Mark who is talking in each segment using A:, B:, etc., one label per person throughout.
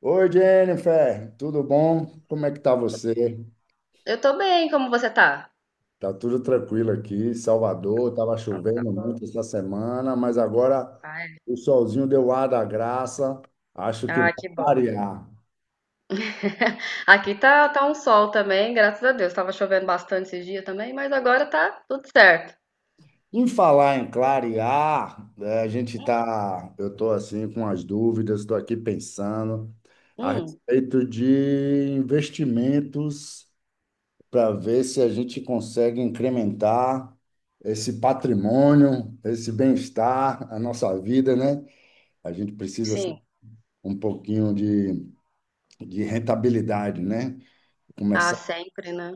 A: Oi, Jennifer, tudo bom? Como é que tá você?
B: Eu tô bem, como você tá?
A: Tá tudo tranquilo aqui, Salvador. Tava
B: Então tá
A: chovendo
B: bom.
A: muito essa semana, mas agora
B: Ai,
A: o solzinho deu ar da graça, acho que
B: ah,
A: vai
B: que bom.
A: clarear.
B: Aqui tá, tá um sol também, graças a Deus. Tava chovendo bastante esse dia também, mas agora tá tudo certo.
A: Em falar em clarear, eu tô assim com as dúvidas, estou aqui pensando a
B: Hum,
A: respeito de investimentos para ver se a gente consegue incrementar esse patrimônio, esse bem-estar, a nossa vida, né? A gente precisa assim,
B: sim.
A: um pouquinho de rentabilidade, né?
B: Ah,
A: Começar.
B: sempre, né?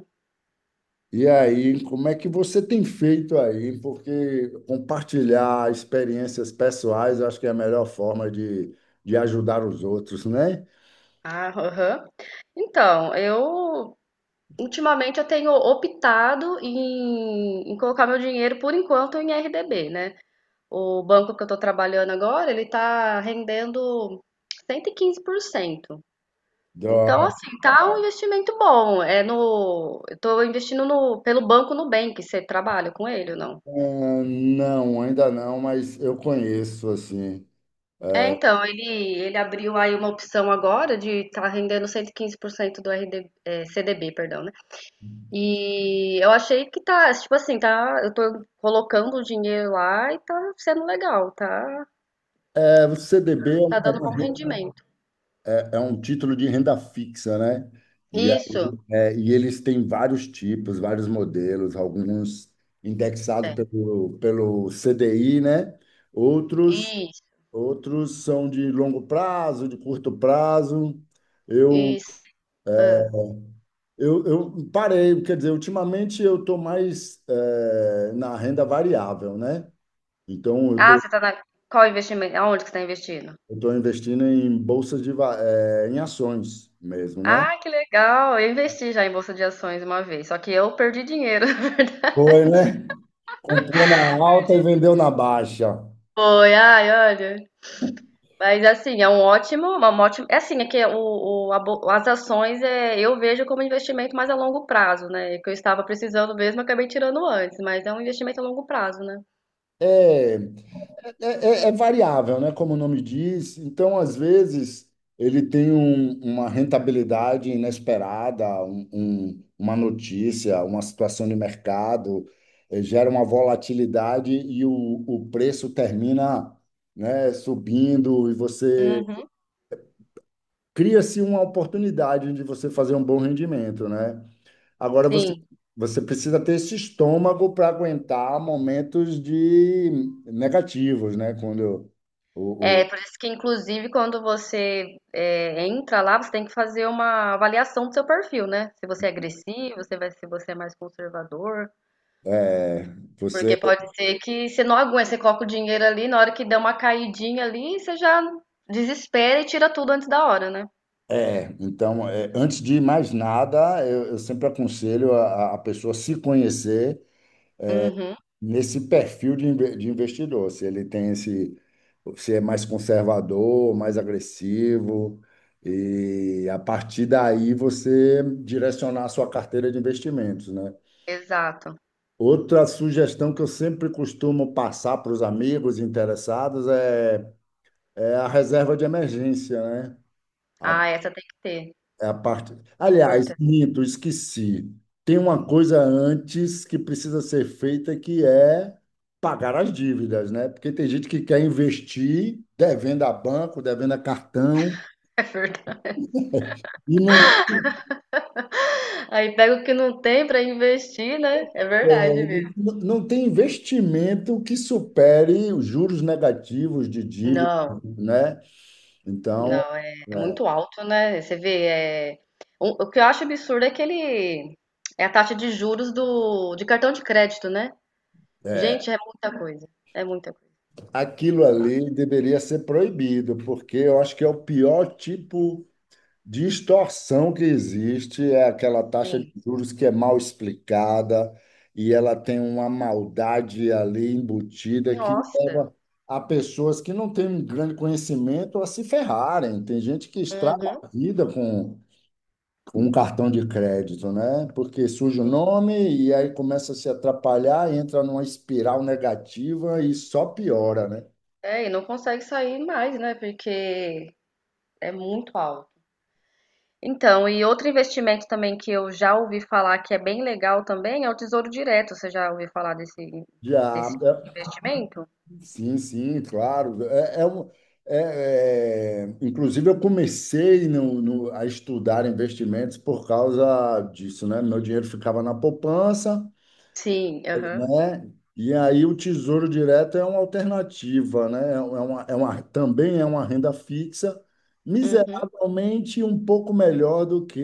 A: E aí, como é que você tem feito aí? Porque compartilhar experiências pessoais, eu acho que é a melhor forma de ajudar os outros, né?
B: Ah, aham. Então, eu ultimamente eu tenho optado em colocar meu dinheiro por enquanto em RDB, né? O banco que eu tô trabalhando agora, ele tá rendendo 115%. Então,
A: Dó-
B: assim, tá um investimento bom. É no, eu tô investindo no, pelo Banco Nubank. Você trabalha com ele ou não?
A: Ah, não, ainda não, mas eu conheço assim.
B: É,
A: É,
B: então, ele abriu aí uma opção agora de tá rendendo 115% do RD, é, CDB, perdão, né? E eu achei que tá, tipo assim, tá, eu tô colocando o dinheiro lá e tá sendo legal, tá,
A: o CDB é
B: tá
A: uma, é
B: dando
A: uma
B: bom rendimento.
A: é é um título de renda fixa, né? E,
B: Isso,
A: e eles têm vários tipos, vários modelos, alguns indexados
B: tem.
A: pelo CDI, né? Outros,
B: Isso,
A: outros são de longo prazo, de curto prazo. Eu,
B: isso. Ah,
A: eu parei, quer dizer, ultimamente eu estou mais na renda variável, né? Então eu
B: ah,
A: estou
B: você tá na, qual investimento? Aonde que você tá investindo?
A: eu tô investindo em bolsas de, va- eh, em ações mesmo, né?
B: Ah, que legal! Eu investi já em bolsa de ações uma vez, só que eu perdi dinheiro.
A: Foi, né? Comprou na alta e
B: Perdi.
A: vendeu na baixa.
B: Foi, ai, olha. Mas assim, é um ótimo, uma ótima. É assim, é que o- a bo- as ações é, eu vejo como investimento mais a longo prazo, né? Que eu estava precisando mesmo, eu acabei tirando antes, mas é um investimento a longo prazo, né?
A: É, é, é variável, né? Como o nome diz. Então, às vezes, ele tem uma rentabilidade inesperada, uma notícia, uma situação de mercado, gera uma volatilidade e o preço termina, né, subindo e você
B: Uhum.
A: cria-se uma oportunidade de você fazer um bom rendimento, né? Agora você,
B: Sim.
A: você precisa ter esse estômago para aguentar momentos de negativos, né? Quando
B: É,
A: o-
B: por isso que, inclusive, quando você é, entra lá, você tem que fazer uma avaliação do seu perfil, né? Se você é agressivo, se vai- se você é mais conservador.
A: é, você
B: Porque pode ser que você não aguente, você coloca o dinheiro ali, na hora que der uma caidinha ali, você já desespera e tira tudo antes da hora, né?
A: é, Então, antes de mais nada, eu sempre aconselho a pessoa se conhecer
B: Uhum,
A: nesse perfil de investidor, se ele tem esse, se é mais conservador, mais agressivo, e a partir daí você direcionar a sua carteira de investimentos, né?
B: exato.
A: Outra sugestão que eu sempre costumo passar para os amigos interessados é a reserva de emergência, né? A,
B: Ah, essa tem que ter.
A: é a parte.
B: É
A: Aliás,
B: importante.
A: minto, esqueci. Tem uma coisa antes que precisa ser feita que é pagar as dívidas, né? Porque tem gente que quer investir devendo a banco, devendo a cartão
B: É verdade.
A: e não,
B: Aí pega o que não tem pra investir, né? É verdade
A: é,
B: mesmo.
A: não tem investimento que supere os juros negativos de dívida,
B: Não,
A: né? Então,
B: não, é, é muito alto, né? Você vê, é... o que eu acho absurdo é aquele... É a taxa de juros do... de cartão de crédito, né? Gente, é muita coisa. É muita coisa.
A: aquilo ali deveria ser proibido, porque eu acho que é o pior tipo de extorsão que existe, é aquela taxa de
B: Sim.
A: juros que é mal explicada e ela tem uma maldade ali embutida que
B: Nossa.
A: leva a pessoas que não têm um grande conhecimento a se ferrarem. Tem gente que estraga
B: Uhum.
A: a vida com um cartão de crédito, né? Porque surge o nome e aí começa a se atrapalhar, entra numa espiral negativa e só piora, né?
B: É, e não consegue sair mais, né? Porque é muito alto. Então, e outro investimento também que eu já ouvi falar que é bem legal também é o Tesouro Direto. Você já ouviu falar desse,
A: Já,
B: desse tipo de
A: é,
B: investimento?
A: sim, sim, claro. Inclusive, eu comecei a estudar investimentos por causa disso, né? Meu dinheiro ficava na poupança,
B: Sim, aham.
A: né? E aí o Tesouro Direto é uma alternativa, né? Também é uma renda fixa,
B: Uhum,
A: miseravelmente um pouco melhor do que,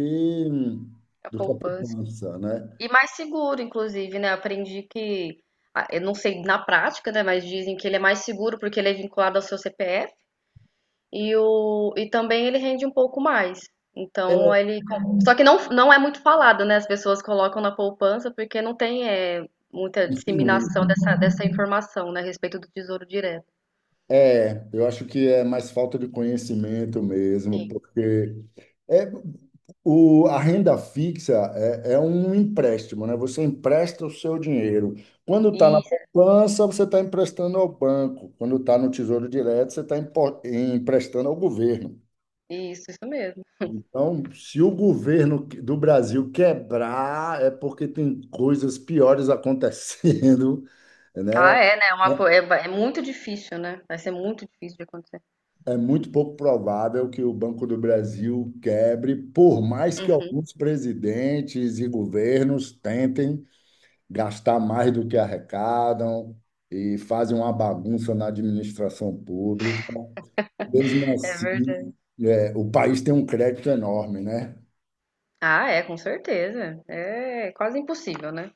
B: a
A: do que a
B: poupança.
A: poupança, né?
B: E mais seguro, inclusive, né? Aprendi que, ah, eu não sei na prática, né? Mas dizem que ele é mais seguro porque ele é vinculado ao seu CPF. E, o, e também ele rende um pouco mais. Então
A: É,
B: ele. Com- Só que não, não é muito falado, né? As pessoas colocam na poupança porque não tem é, muita
A: isso mesmo.
B: disseminação dessa, dessa informação, né? A respeito do Tesouro Direto.
A: É, eu acho que é mais falta de conhecimento mesmo,
B: Sim.
A: porque é, a renda fixa é um empréstimo, né? Você empresta o seu dinheiro. Quando está na
B: Isso,
A: poupança, você está emprestando ao banco. Quando está no Tesouro Direto, você está emprestando ao governo.
B: isso mesmo.
A: Então, se o governo do Brasil quebrar, é porque tem coisas piores acontecendo, né?
B: Ah, é, né? É uma, co- é, ba- é muito difícil, né? Vai ser muito difícil de acontecer.
A: É muito pouco provável que o Banco do Brasil quebre, por mais que alguns presidentes e governos tentem gastar mais do que arrecadam e fazem uma bagunça na administração pública. Mesmo
B: É
A: assim,
B: verdade.
A: o país tem um crédito enorme, né?
B: Ah, é, com certeza. É quase impossível, né?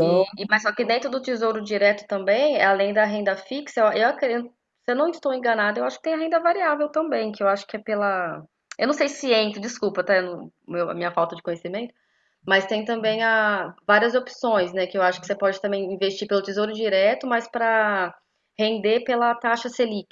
B: E- mas só que dentro do Tesouro Direto também, além da renda fixa, eu acredito, se eu não estou enganada, eu acho que tem a renda variável também, que eu acho que é pela. Eu não sei se entra, desculpa, tá? Eu não- meu- a minha falta de conhecimento, mas tem também a, várias opções, né? Que eu acho que você pode também investir pelo Tesouro Direto, mas para render pela taxa Selic,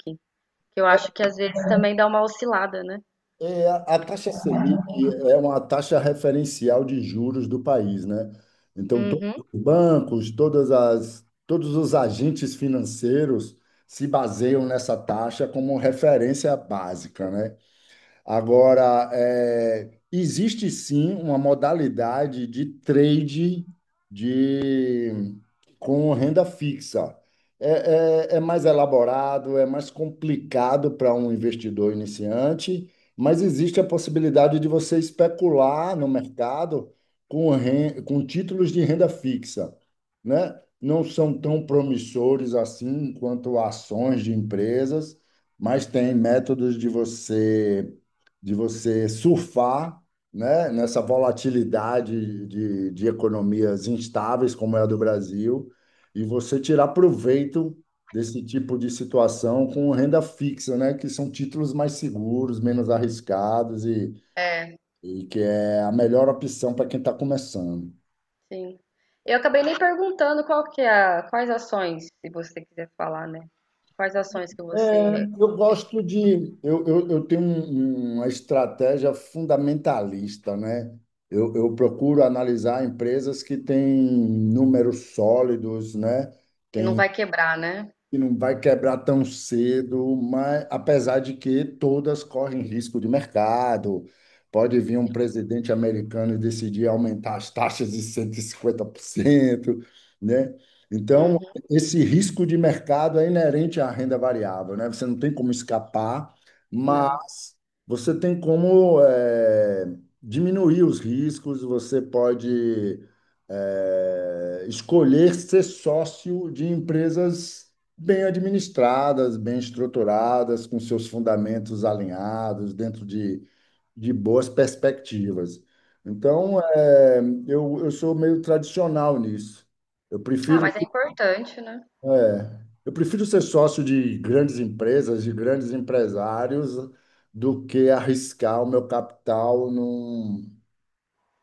B: que eu acho que às vezes também dá uma oscilada, né?
A: a taxa Selic é uma taxa referencial de juros do país, né? Então, todos
B: Uhum.
A: os bancos, todos os agentes financeiros se baseiam nessa taxa como referência básica, né? Agora, existe sim uma modalidade de trade de, com renda fixa. É mais elaborado, é mais complicado para um investidor iniciante, mas existe a possibilidade de você especular no mercado com títulos de renda fixa, né? Não são tão promissores assim quanto ações de empresas, mas tem métodos de você surfar, né, nessa volatilidade de economias instáveis como é a do Brasil, e você tirar proveito desse tipo de situação com renda fixa, né, que são títulos mais seguros, menos arriscados e que é a melhor opção para quem está começando.
B: Sim. Eu acabei nem perguntando qual que é a, quais ações, se você quiser falar, né? Quais ações que
A: É,
B: você
A: eu gosto de. Eu tenho uma estratégia fundamentalista, né? Eu procuro analisar empresas que têm números sólidos, né?
B: que não vai quebrar, né?
A: Que não vai quebrar tão cedo, mas apesar de que todas correm risco de mercado. Pode vir um presidente americano e decidir aumentar as taxas de 150%, né? Então,
B: Uhum,
A: esse risco de mercado é inerente à renda variável, né? Você não tem como escapar,
B: não.
A: mas você tem como diminuir os riscos, você pode escolher ser sócio de empresas bem administradas, bem estruturadas, com seus fundamentos alinhados, dentro de boas perspectivas.
B: Uhum.
A: Então, eu sou meio tradicional nisso. Eu
B: Ah,
A: prefiro,
B: mas é importante, né?
A: eu prefiro ser sócio de grandes empresas, de grandes empresários, do que arriscar o meu capital num,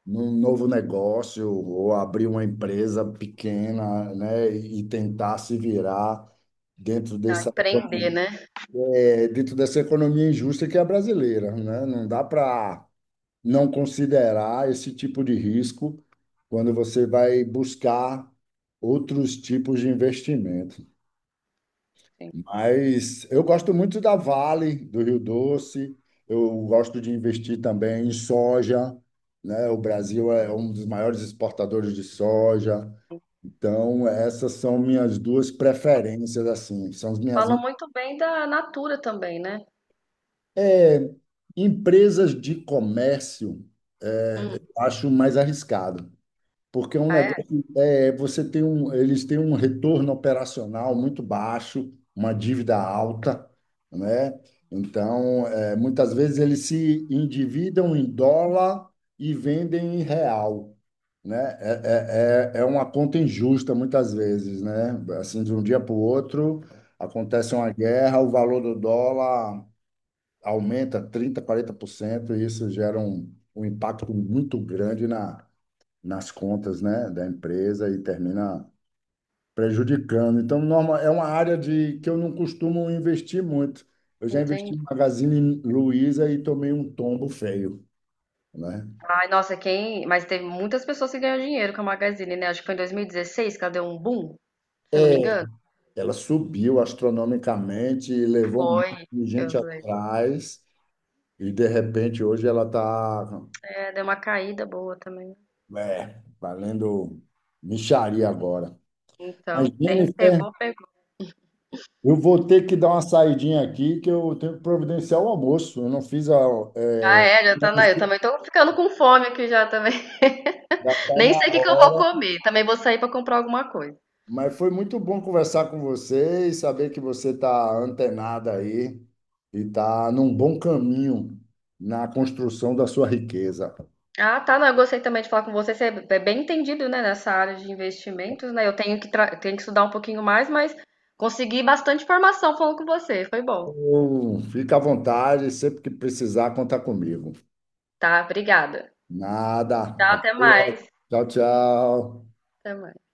A: num novo negócio ou abrir uma empresa pequena, né, e tentar se virar dentro
B: Ah,
A: dessa
B: empreender, né?
A: dentro dessa economia injusta que é a brasileira, né? Não dá para não considerar esse tipo de risco quando você vai buscar outros tipos de investimento.
B: Sim.
A: Mas eu gosto muito da Vale, do Rio Doce, eu gosto de investir também em soja, né? O Brasil é um dos maiores exportadores de soja. Então, essas são minhas duas preferências, assim, são as minhas.
B: Falou muito bem da Natura também, né?
A: Empresas de comércio,
B: Hum.
A: eu acho mais arriscado, porque é um
B: Ah, é?
A: negócio, eles têm um retorno operacional muito baixo, uma dívida alta, né? Então, muitas vezes eles se endividam em dólar e vendem em real, né? É uma conta injusta muitas vezes, né? Assim, de um dia para o outro acontece uma guerra, o valor do dólar aumenta 30 40% e isso gera um impacto muito grande nas contas, né, da empresa e termina prejudicando. Então, é uma área que eu não costumo investir muito. Eu já investi
B: Entendi.
A: em Magazine Luiza e tomei um tombo feio, né?
B: Ai, nossa, quem. Mas teve muitas pessoas que ganham dinheiro com a Magazine, né? Acho que foi em 2016 que ela deu um boom, se eu não me
A: É,
B: engano.
A: Ela subiu astronomicamente e levou um monte de
B: Eu
A: gente
B: lembro.
A: atrás, e de repente hoje ela está,
B: É, deu uma caída boa também.
A: valendo mixaria agora. Mas,
B: Então, quem
A: Jennifer,
B: pegou.
A: eu vou ter que dar uma saidinha aqui, que eu tenho que providenciar o almoço. Eu não fiz a. é,
B: Ah, é, já tá
A: não
B: na. Eu
A: sei,
B: também tô ficando com fome aqui já também.
A: já está
B: Nem
A: na
B: sei o que que eu vou
A: hora.
B: comer. Também vou sair pra comprar alguma coisa.
A: Mas foi muito bom conversar com você e saber que você está antenada aí e está num bom caminho na construção da sua riqueza.
B: Ah, tá. Não, eu gostei também de falar com você. Você é bem entendido, né, nessa área de investimentos, né? Eu tenho que, tra- tenho que estudar um pouquinho mais, mas consegui bastante informação falando com você. Foi bom.
A: Então, fica à vontade, sempre que precisar, contar comigo.
B: Tá, obrigada.
A: Nada.
B: Tchau,
A: Até.
B: até mais.
A: Tchau, tchau.
B: Até mais.